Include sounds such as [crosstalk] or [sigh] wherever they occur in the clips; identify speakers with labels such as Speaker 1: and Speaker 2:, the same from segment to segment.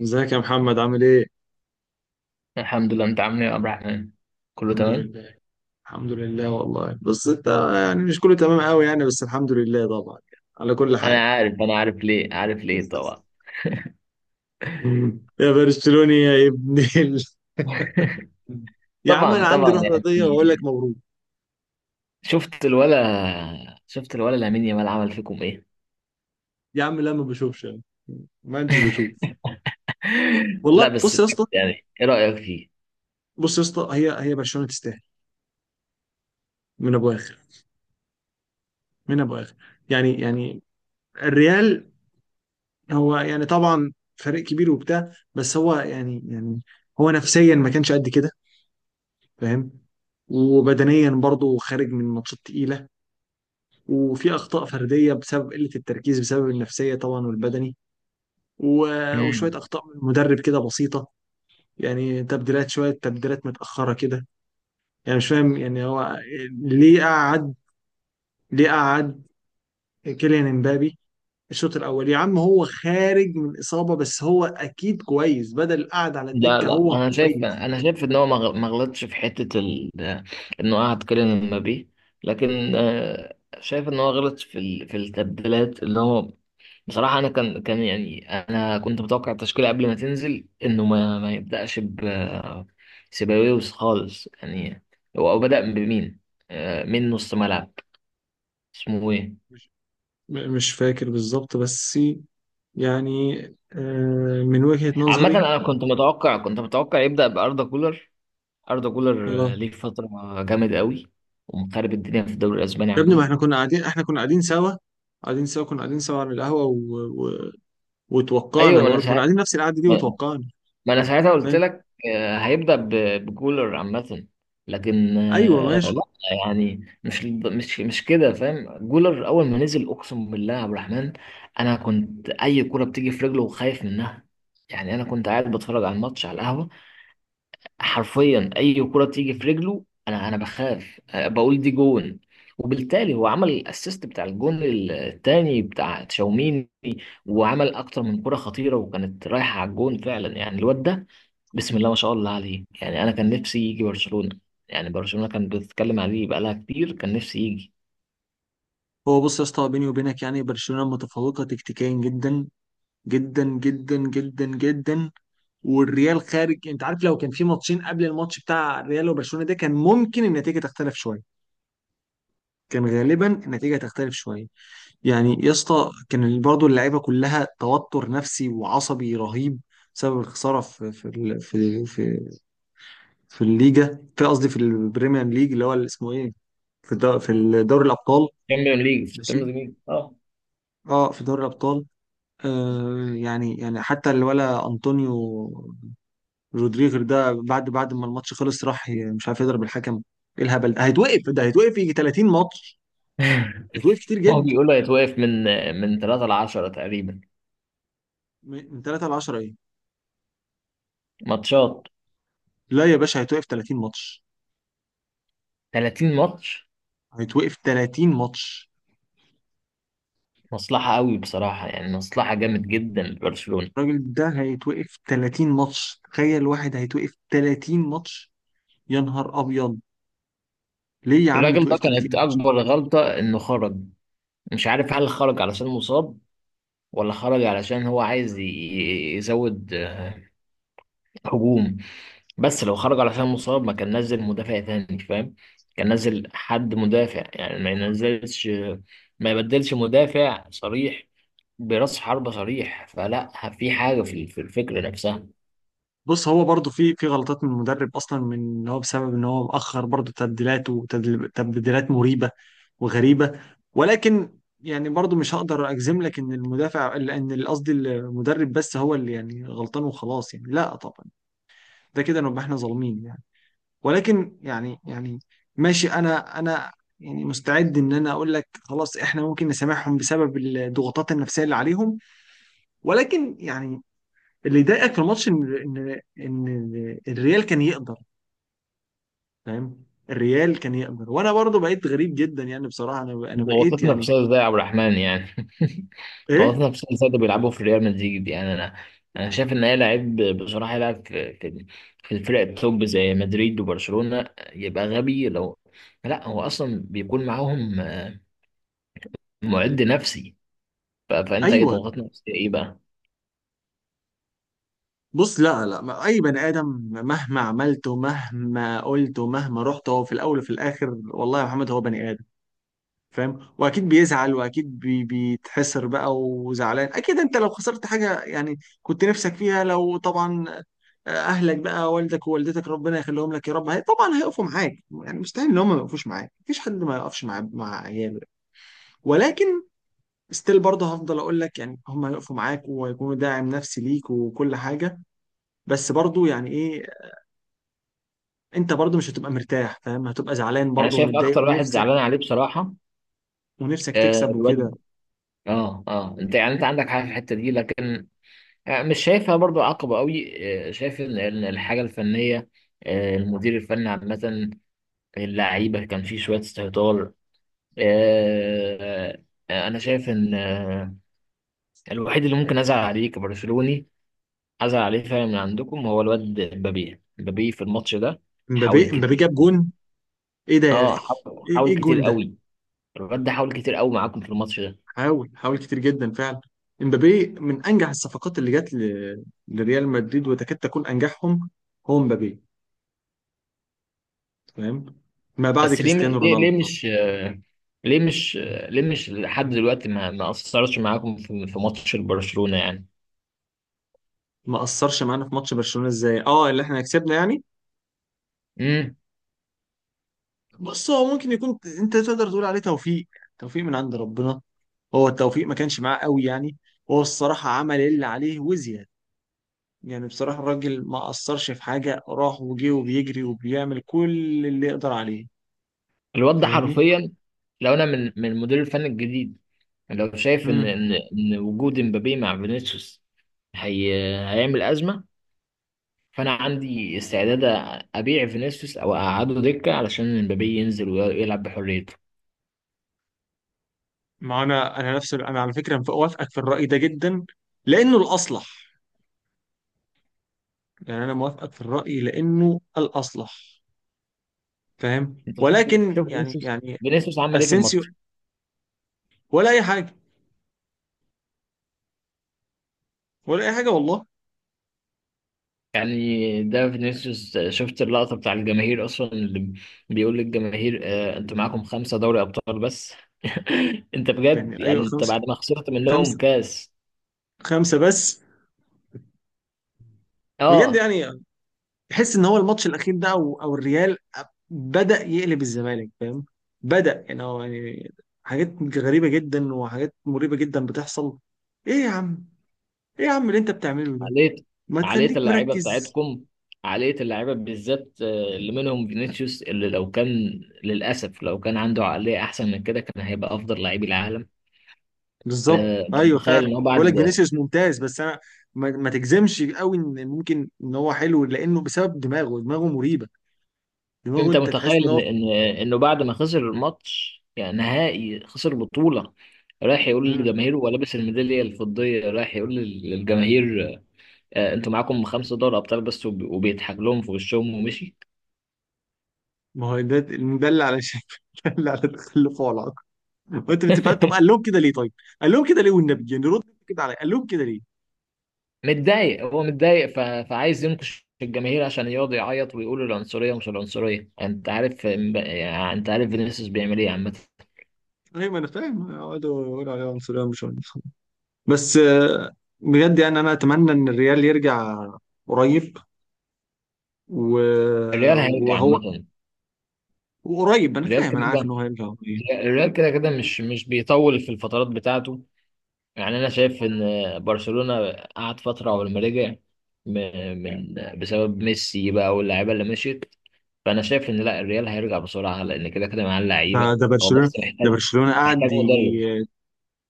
Speaker 1: ازيك يا محمد عامل ايه؟
Speaker 2: الحمد لله، انت عامل ايه يا عبد الرحمن؟ كله
Speaker 1: الحمد
Speaker 2: تمام.
Speaker 1: لله. الحمد لله والله، بس انت يعني مش كله تمام قوي يعني، بس الحمد لله طبعا يعني على كل حال.
Speaker 2: انا عارف ليه، عارف ليه طبعا.
Speaker 1: مم. يا برشلوني، يا ابن. يا عم
Speaker 2: طبعا
Speaker 1: انا عندي
Speaker 2: طبعا
Speaker 1: روح
Speaker 2: يعني،
Speaker 1: رياضيه واقول لك مبروك.
Speaker 2: شفت الولا لامين يامال عمل فيكم ايه؟
Speaker 1: يا عم لا، ما بشوفش انا، ما انتش بشوف.
Speaker 2: [laughs]
Speaker 1: والله،
Speaker 2: لا، بس
Speaker 1: بص يا
Speaker 2: بجد
Speaker 1: اسطى.
Speaker 2: يعني ايه رايك فيه؟
Speaker 1: بص يا اسطى، هي برشلونه تستاهل من ابو اخر، من ابو اخر، يعني الريال. هو يعني طبعا فريق كبير وبتاع، بس هو يعني هو نفسيا ما كانش قد كده، فاهم؟ وبدنيا برضه خارج من ماتشات تقيلة، وفي أخطاء فردية بسبب قلة التركيز، بسبب النفسية طبعا والبدني،
Speaker 2: مم.
Speaker 1: وشوية أخطاء من المدرب كده بسيطة. يعني تبديلات، شوية تبديلات متأخرة كده. يعني مش فاهم يعني هو ليه قعد ليه قعد كيليان امبابي الشوط الأول؟ يا عم هو خارج من إصابة، بس هو أكيد كويس، بدل قعد على
Speaker 2: لا
Speaker 1: الدكة
Speaker 2: لا،
Speaker 1: هو
Speaker 2: انا شايف
Speaker 1: كويس.
Speaker 2: انا شايف ان هو ما غلطش في حته ال... انه قعد كيليان امبابي. لكن شايف ان هو غلط في ال... في التبديلات اللي هو... بصراحة أنا كان يعني، أنا كنت متوقع التشكيلة قبل ما تنزل، إنه ما يبدأش ب سيباويوس خالص يعني. هو بدأ بمين؟ من نص ملعب. اسمه إيه؟
Speaker 1: مش مش فاكر بالظبط، بس يعني من وجهة
Speaker 2: عامة
Speaker 1: نظري.
Speaker 2: أنا كنت متوقع يبدأ بأردا كولر. أردا كولر
Speaker 1: اه.
Speaker 2: ليه فترة جامد قوي، ومخرب الدنيا في الدوري الأسباني
Speaker 1: يا ابني، ما
Speaker 2: عامة.
Speaker 1: احنا كنا قاعدين، احنا كنا قاعدين سوا، قاعدين سوا، كنا قاعدين سوا على القهوة و...
Speaker 2: أيوه،
Speaker 1: وتوقعنا،
Speaker 2: ما أنا
Speaker 1: برضه كنا
Speaker 2: ساعات
Speaker 1: قاعدين نفس القعدة دي وتوقعنا.
Speaker 2: ما انا ساعتها قلت
Speaker 1: فاهم؟
Speaker 2: لك، هيبدأ بكولر عامة. لكن
Speaker 1: ايوه، ماشي.
Speaker 2: لا. يعني مش كده، فاهم؟ جولر اول ما نزل، اقسم بالله يا عبد الرحمن، انا كنت اي كرة بتيجي في رجله خايف منها. يعني انا كنت قاعد بتفرج على الماتش على القهوة. حرفيا اي كرة تيجي في رجله انا بخاف. بقول دي جون. وبالتالي هو عمل الاسيست بتاع الجون الثاني بتاع تشاوميني، وعمل اكتر من كرة خطيرة وكانت رايحة على الجون فعلا. يعني الواد ده، بسم الله ما شاء الله عليه. يعني انا كان نفسي يجي برشلونة. يعني برشلونة كان بتتكلم عليه بقالها كتير، كان نفسي يجي.
Speaker 1: هو، بص يا اسطى، بيني وبينك، يعني برشلونة متفوقة تكتيكيا جدا جدا جدا جدا جدا. والريال خارج، انت عارف، لو كان في ماتشين قبل الماتش بتاع الريال وبرشلونة ده، كان ممكن النتيجة تختلف شوية. كان غالبا النتيجة تختلف شوية. يعني يا اسطى، كان برضه اللعيبه كلها توتر نفسي وعصبي رهيب بسبب الخساره في الليجا، في قصدي، في البريمير ليج، اللي هو اللي اسمه ايه، في دوري الابطال.
Speaker 2: تشامبيون ليج، في
Speaker 1: ماشي.
Speaker 2: التشامبيون ليج اه.
Speaker 1: اه، في دوري الابطال. آه، يعني يعني حتى الولا انطونيو رودريغر ده، بعد ما الماتش خلص، راح مش عارف يضرب الحكم. ايه الهبل ده؟ هيتوقف يجي 30 ماتش. هيتوقف
Speaker 2: [laughs]
Speaker 1: كتير
Speaker 2: هو
Speaker 1: جدا.
Speaker 2: بيقولوا هيتوقف من 3 ل 10 تقريبا
Speaker 1: من 3 ل 10 ايه؟
Speaker 2: ماتشات.
Speaker 1: لا يا باشا، هيتوقف 30 ماتش.
Speaker 2: 30 ماتش؟
Speaker 1: هيتوقف 30 ماتش.
Speaker 2: مصلحة قوي بصراحة، يعني مصلحة جامد جدا لبرشلونة.
Speaker 1: الراجل ده هيتوقف 30 ماتش. تخيل واحد هيتوقف 30 ماتش. يا نهار ابيض. ليه يا عم
Speaker 2: الراجل ده
Speaker 1: يتوقف
Speaker 2: كانت
Speaker 1: 30 ماتش؟
Speaker 2: أكبر غلطة إنه خرج. مش عارف هل خرج علشان مصاب، ولا خرج علشان هو عايز يزود هجوم. بس لو خرج على حساب مصاب، ما كان نزل مدافع تاني، فاهم؟ كان نزل حد مدافع، يعني ما ينزلش، ما يبدلش مدافع صريح براس حربة صريح. فلا في حاجة في الفكرة نفسها.
Speaker 1: بص، هو برضه في في غلطات من المدرب اصلا، من ان هو بسبب ان هو مأخر برضه تبديلات، وتبديلات مريبة وغريبة. ولكن يعني برضه مش هقدر اجزم لك ان المدافع، ان قصدي المدرب بس هو اللي يعني غلطان وخلاص، يعني لا طبعا. ده كده نبقى احنا ظالمين. ولكن يعني يعني ماشي، انا يعني مستعد ان انا اقول لك خلاص، احنا ممكن نسامحهم بسبب الضغوطات النفسيه اللي عليهم. ولكن يعني اللي ضايقك في الماتش ان ان ان الريال كان يقدر، فاهم؟ الريال كان يقدر، وانا برضو بقيت غريب جدا، يعني بصراحه انا بقيت
Speaker 2: ضغطتنا في
Speaker 1: يعني
Speaker 2: سايز ده يا عبد الرحمن يعني! [laughs]
Speaker 1: ايه.
Speaker 2: ضغطتنا في سايز ده بيلعبوا في ريال مدريد؟ يعني انا شايف ان هي لعيب بصراحة يلعب في في الفرق التوب زي مدريد وبرشلونة، يبقى غبي لو... لا، هو اصلا بيكون معاهم معد نفسي. فانت ايه،
Speaker 1: ايوه.
Speaker 2: ضغطنا نفسية ايه بقى؟
Speaker 1: بص، لا لا، اي بني ادم مهما عملت ومهما قلت ومهما رحت، هو في الاول وفي الاخر والله يا محمد هو بني ادم، فاهم؟ واكيد بيزعل، واكيد بيتحسر بقى، وزعلان، اكيد انت لو خسرت حاجه يعني كنت نفسك فيها، لو طبعا اهلك بقى، والدك ووالدتك، ربنا يخليهم لك يا رب، هي طبعا هيقفوا معاك يعني، مستحيل ان هم ما يقفوش معاك، مفيش حد ما يقفش مع عياله. ولكن ستيل برضه هفضل اقول لك يعني هم هيقفوا معاك وهيكونوا داعم نفسي ليك وكل حاجه. بس برضه يعني ايه، انت برضه مش هتبقى مرتاح، فاهم؟ هتبقى زعلان
Speaker 2: انا
Speaker 1: برضه
Speaker 2: شايف
Speaker 1: ومتضايق،
Speaker 2: اكتر واحد
Speaker 1: ونفسك،
Speaker 2: زعلان عليه بصراحه
Speaker 1: ونفسك تكسب وكده.
Speaker 2: الواد، اه انت يعني، انت عندك حاجه في الحته دي لكن مش شايفها برضو عقبه قوي. شايف ان الحاجه الفنيه، المدير الفني عامه، اللعيبه كان فيه شويه استهتار. آه انا شايف ان الوحيد اللي ممكن ازعل عليه كبرشلوني، ازعل عليه فعلا من عندكم، هو الواد مبابي. في الماتش ده حاول
Speaker 1: امبابي، امبابي
Speaker 2: كتير.
Speaker 1: جاب جون. ايه ده يا
Speaker 2: اه
Speaker 1: اخي؟
Speaker 2: حاول
Speaker 1: ايه، ايه
Speaker 2: حاول كتير
Speaker 1: الجون ده؟
Speaker 2: قوي. الواد ده حاول كتير قوي معاكم في الماتش ده.
Speaker 1: حاول حاول كتير جدا فعلا. امبابي من انجح الصفقات اللي جت لريال مدريد، وتكاد تكون انجحهم هو امبابي، تمام، ما بعد
Speaker 2: بس ليه؟
Speaker 1: كريستيانو
Speaker 2: ليه
Speaker 1: رونالدو
Speaker 2: ليه
Speaker 1: طبعاً.
Speaker 2: مش ليه مش ليه مش لحد دلوقتي ما اثرش معاكم في ماتش برشلونة يعني؟
Speaker 1: ما اثرش معانا في ماتش برشلونة ازاي؟ اه، اللي احنا كسبنا يعني.
Speaker 2: امم
Speaker 1: بص، هو ممكن يكون، انت تقدر تقول عليه توفيق، توفيق من عند ربنا. هو التوفيق ما كانش معاه قوي يعني. هو الصراحة عمل اللي عليه وزيادة. يعني بصراحة الراجل ما أثرش في حاجة، راح وجه وبيجري وبيعمل كل اللي يقدر عليه.
Speaker 2: الواد ده
Speaker 1: فاهمني؟
Speaker 2: حرفيا، لو انا من المدير الفني الجديد، لو شايف ان
Speaker 1: مم.
Speaker 2: وجود امبابي مع فينيسيوس هي هيعمل ازمه، فانا عندي استعداد ابيع فينيسيوس او اقعده دكه علشان امبابي ينزل ويلعب بحريته.
Speaker 1: ما انا نفس انا على فكره، موافقك في الراي ده جدا لانه الاصلح. يعني انا موافقك في الراي لانه الاصلح، فاهم؟
Speaker 2: انت شوف،
Speaker 1: ولكن
Speaker 2: شوف
Speaker 1: يعني
Speaker 2: فينيسيوس،
Speaker 1: يعني
Speaker 2: فينيسيوس عمل ايه في
Speaker 1: اسينسيو
Speaker 2: الماتش؟
Speaker 1: ولا اي حاجه، ولا اي حاجه والله.
Speaker 2: يعني ده فينيسيوس شفت اللقطة بتاع الجماهير أصلا، اللي بيقول للجماهير أنتوا معاكم خمسة دوري أبطال بس؟ [laughs] أنت بجد
Speaker 1: يعني ايوه،
Speaker 2: يعني؟ أنت
Speaker 1: خمسه،
Speaker 2: بعد ما خسرت منهم
Speaker 1: خمسه،
Speaker 2: كاس!
Speaker 1: خمسه بس. بجد
Speaker 2: أه
Speaker 1: يعني، تحس ان هو الماتش الاخير ده، او او الريال بدا يقلب الزمالك، فاهم؟ بدا يعني هو يعني حاجات غريبه جدا وحاجات مريبه جدا بتحصل. ايه يا عم؟ ايه يا عم اللي انت بتعمله ده؟
Speaker 2: عقلية،
Speaker 1: ما
Speaker 2: عقلية
Speaker 1: تخليك
Speaker 2: اللعيبة
Speaker 1: مركز.
Speaker 2: بتاعتكم، عقلية اللعيبة بالذات، اللي منهم فينيسيوس، اللي لو كان... للأسف لو كان عنده عقلية أحسن من كده كان هيبقى أفضل لعيب العالم.
Speaker 1: بالظبط،
Speaker 2: آه، أنت
Speaker 1: ايوه
Speaker 2: متخيل
Speaker 1: فعلا.
Speaker 2: إن هو بعد
Speaker 1: بقول لك فينيسيوس ممتاز، بس انا ما تجزمش قوي ان ممكن ان هو حلو، لانه بسبب دماغه، دماغه مريبه، دماغه،
Speaker 2: انت
Speaker 1: انت تحس
Speaker 2: متخيل
Speaker 1: ان
Speaker 2: ان
Speaker 1: هو.
Speaker 2: ان انه بعد ما خسر الماتش، يعني نهائي، خسر بطولة، رايح يقول
Speaker 1: مم.
Speaker 2: للجماهير وهو لابس الميدالية الفضية، رايح يقول للجماهير انتوا معاكم خمسة دوري ابطال بس، وبيضحك لهم في وشهم ومشي!
Speaker 1: ما هو ده، ده اللي على شكل [laughs] ده اللي على تخلفه، على العقل. وانت بتبقى، طب قال
Speaker 2: [laughs]
Speaker 1: لهم كده ليه، طيب؟ قال لهم كده ليه، والنبي يعني رد كده عليا، قال لهم كده ليه؟
Speaker 2: متضايق، هو متضايق ف... فعايز ينكش الجماهير عشان يقعد يعيط ويقول العنصرية ومش العنصرية. انت عارف يعني انت عارف فينيسيوس بيعمل ايه عامة.
Speaker 1: ايوه انا فاهم، يقعدوا يقولوا عليه عنصريه مش عنصريه، بس بجد يعني انا اتمنى ان الريال يرجع قريب و...
Speaker 2: الريال هيرجع
Speaker 1: وهو،
Speaker 2: عامة.
Speaker 1: وقريب انا
Speaker 2: الريال
Speaker 1: فاهم،
Speaker 2: كده
Speaker 1: انا عارف ان
Speaker 2: كده
Speaker 1: هو هيرجع قريب.
Speaker 2: الريال كده كده مش بيطول في الفترات بتاعته. يعني انا شايف ان برشلونة قعد فترة قبل ما رجع، م- من بسبب ميسي بقى واللعيبة اللي مشيت. فانا شايف ان لا، الريال هيرجع بسرعة، لان كده كده معاه
Speaker 1: ده
Speaker 2: اللعيبة.
Speaker 1: ده
Speaker 2: هو
Speaker 1: برشلونه،
Speaker 2: بس
Speaker 1: ده برشلونه
Speaker 2: محتاج
Speaker 1: قعد يجي،
Speaker 2: مدرب.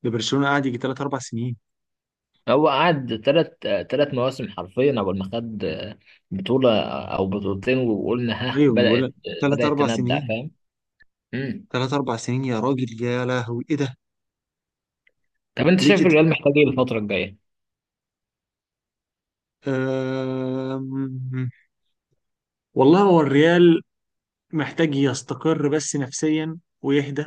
Speaker 1: ده برشلونه قعد يجي ثلاث اربع سنين.
Speaker 2: هو قعد تلات مواسم حرفيا قبل ما خد بطولة او بطولتين وقلنا ها
Speaker 1: ايوه انا بقول لك
Speaker 2: بدأت،
Speaker 1: ثلاث
Speaker 2: بدأت
Speaker 1: اربع
Speaker 2: تندع،
Speaker 1: سنين،
Speaker 2: فاهم؟ مم.
Speaker 1: ثلاث اربع سنين. يا راجل يا لهوي، ايه ده؟
Speaker 2: طب انت
Speaker 1: ليه
Speaker 2: شايف
Speaker 1: كده؟
Speaker 2: الريال محتاج ايه الفترة الجاية؟
Speaker 1: أم... والله، هو الريال محتاج يستقر بس نفسيا ويهدى،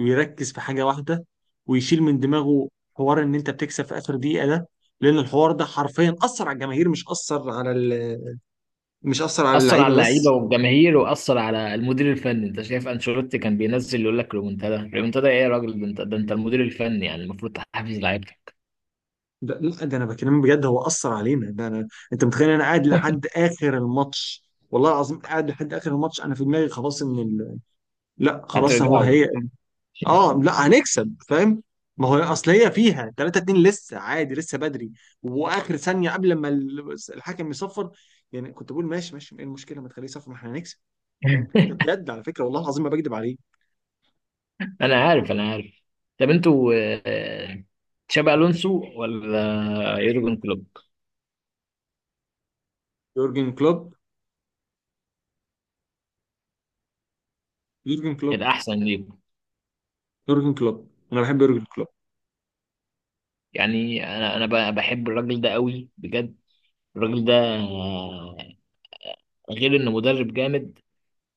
Speaker 1: ويركز في حاجه واحده، ويشيل من دماغه حوار ان انت بتكسب في اخر دقيقه ده. لان الحوار ده حرفيا اثر على الجماهير، مش اثر على مش اثر على
Speaker 2: اثر على
Speaker 1: اللعيبه
Speaker 2: اللعيبه
Speaker 1: بس.
Speaker 2: والجماهير، واثر على المدير الفني. انت شايف انشيلوتي كان بينزل يقول لك ريمونتادا؟ ريمونتادا ايه يا راجل! ده انت، ده انت المدير الفني، يعني المفروض تحفز لعيبتك.
Speaker 1: ده لا، ده انا بكلمك بجد، هو اثر علينا ده انا. انت متخيل انا قاعد لحد اخر الماتش، والله العظيم قاعد لحد اخر الماتش، انا في دماغي خلاص ان لا خلاص، هو
Speaker 2: هترجعوا؟
Speaker 1: هي. اه، لا هنكسب، فاهم؟ ما هو اصل هي فيها 3-2 لسه عادي لسه بدري، واخر ثانيه قبل ما الحكم يصفر. يعني كنت بقول ماشي ماشي ايه المشكله، ما تخليه يصفر، ما احنا هنكسب، فاهم؟ ده
Speaker 2: [laughs]
Speaker 1: بجد على فكره، والله العظيم ما بكذب عليه.
Speaker 2: انا عارف. طب انتوا آه، تشابي الونسو ولا يورجن كلوب
Speaker 1: يورجن كلوب. يورجن كلوب.
Speaker 2: الاحسن ليكم؟
Speaker 1: يورجن كلوب، انا بحب يورجن كلوب.
Speaker 2: يعني انا انا بحب الراجل ده قوي بجد. الراجل ده آه، غير انه مدرب جامد،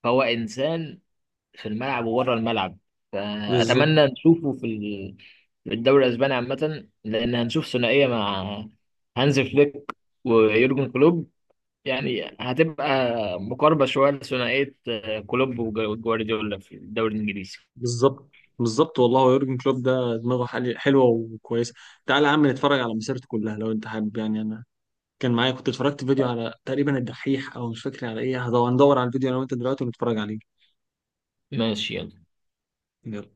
Speaker 2: فهو انسان في الملعب وبره الملعب.
Speaker 1: بالظبط.
Speaker 2: فأتمنى نشوفه في في الدوري الأسباني عامة، لأن هنشوف ثنائية مع هانز فليك ويورجن كلوب. يعني هتبقى مقاربة شوية لثنائية كلوب وجوارديولا في الدوري الإنجليزي.
Speaker 1: بالظبط. بالظبط والله، هو يورجن كلوب ده دماغه حلوه وكويسه. تعالى يا عم نتفرج على مسيرته كلها لو انت حابب، يعني انا كان معايا، كنت اتفرجت فيديو على تقريبا الدحيح، او مش فاكر على ايه، هدور ندور على الفيديو انا وانت دلوقتي ونتفرج عليه.
Speaker 2: ماشي، يلا.
Speaker 1: يلا.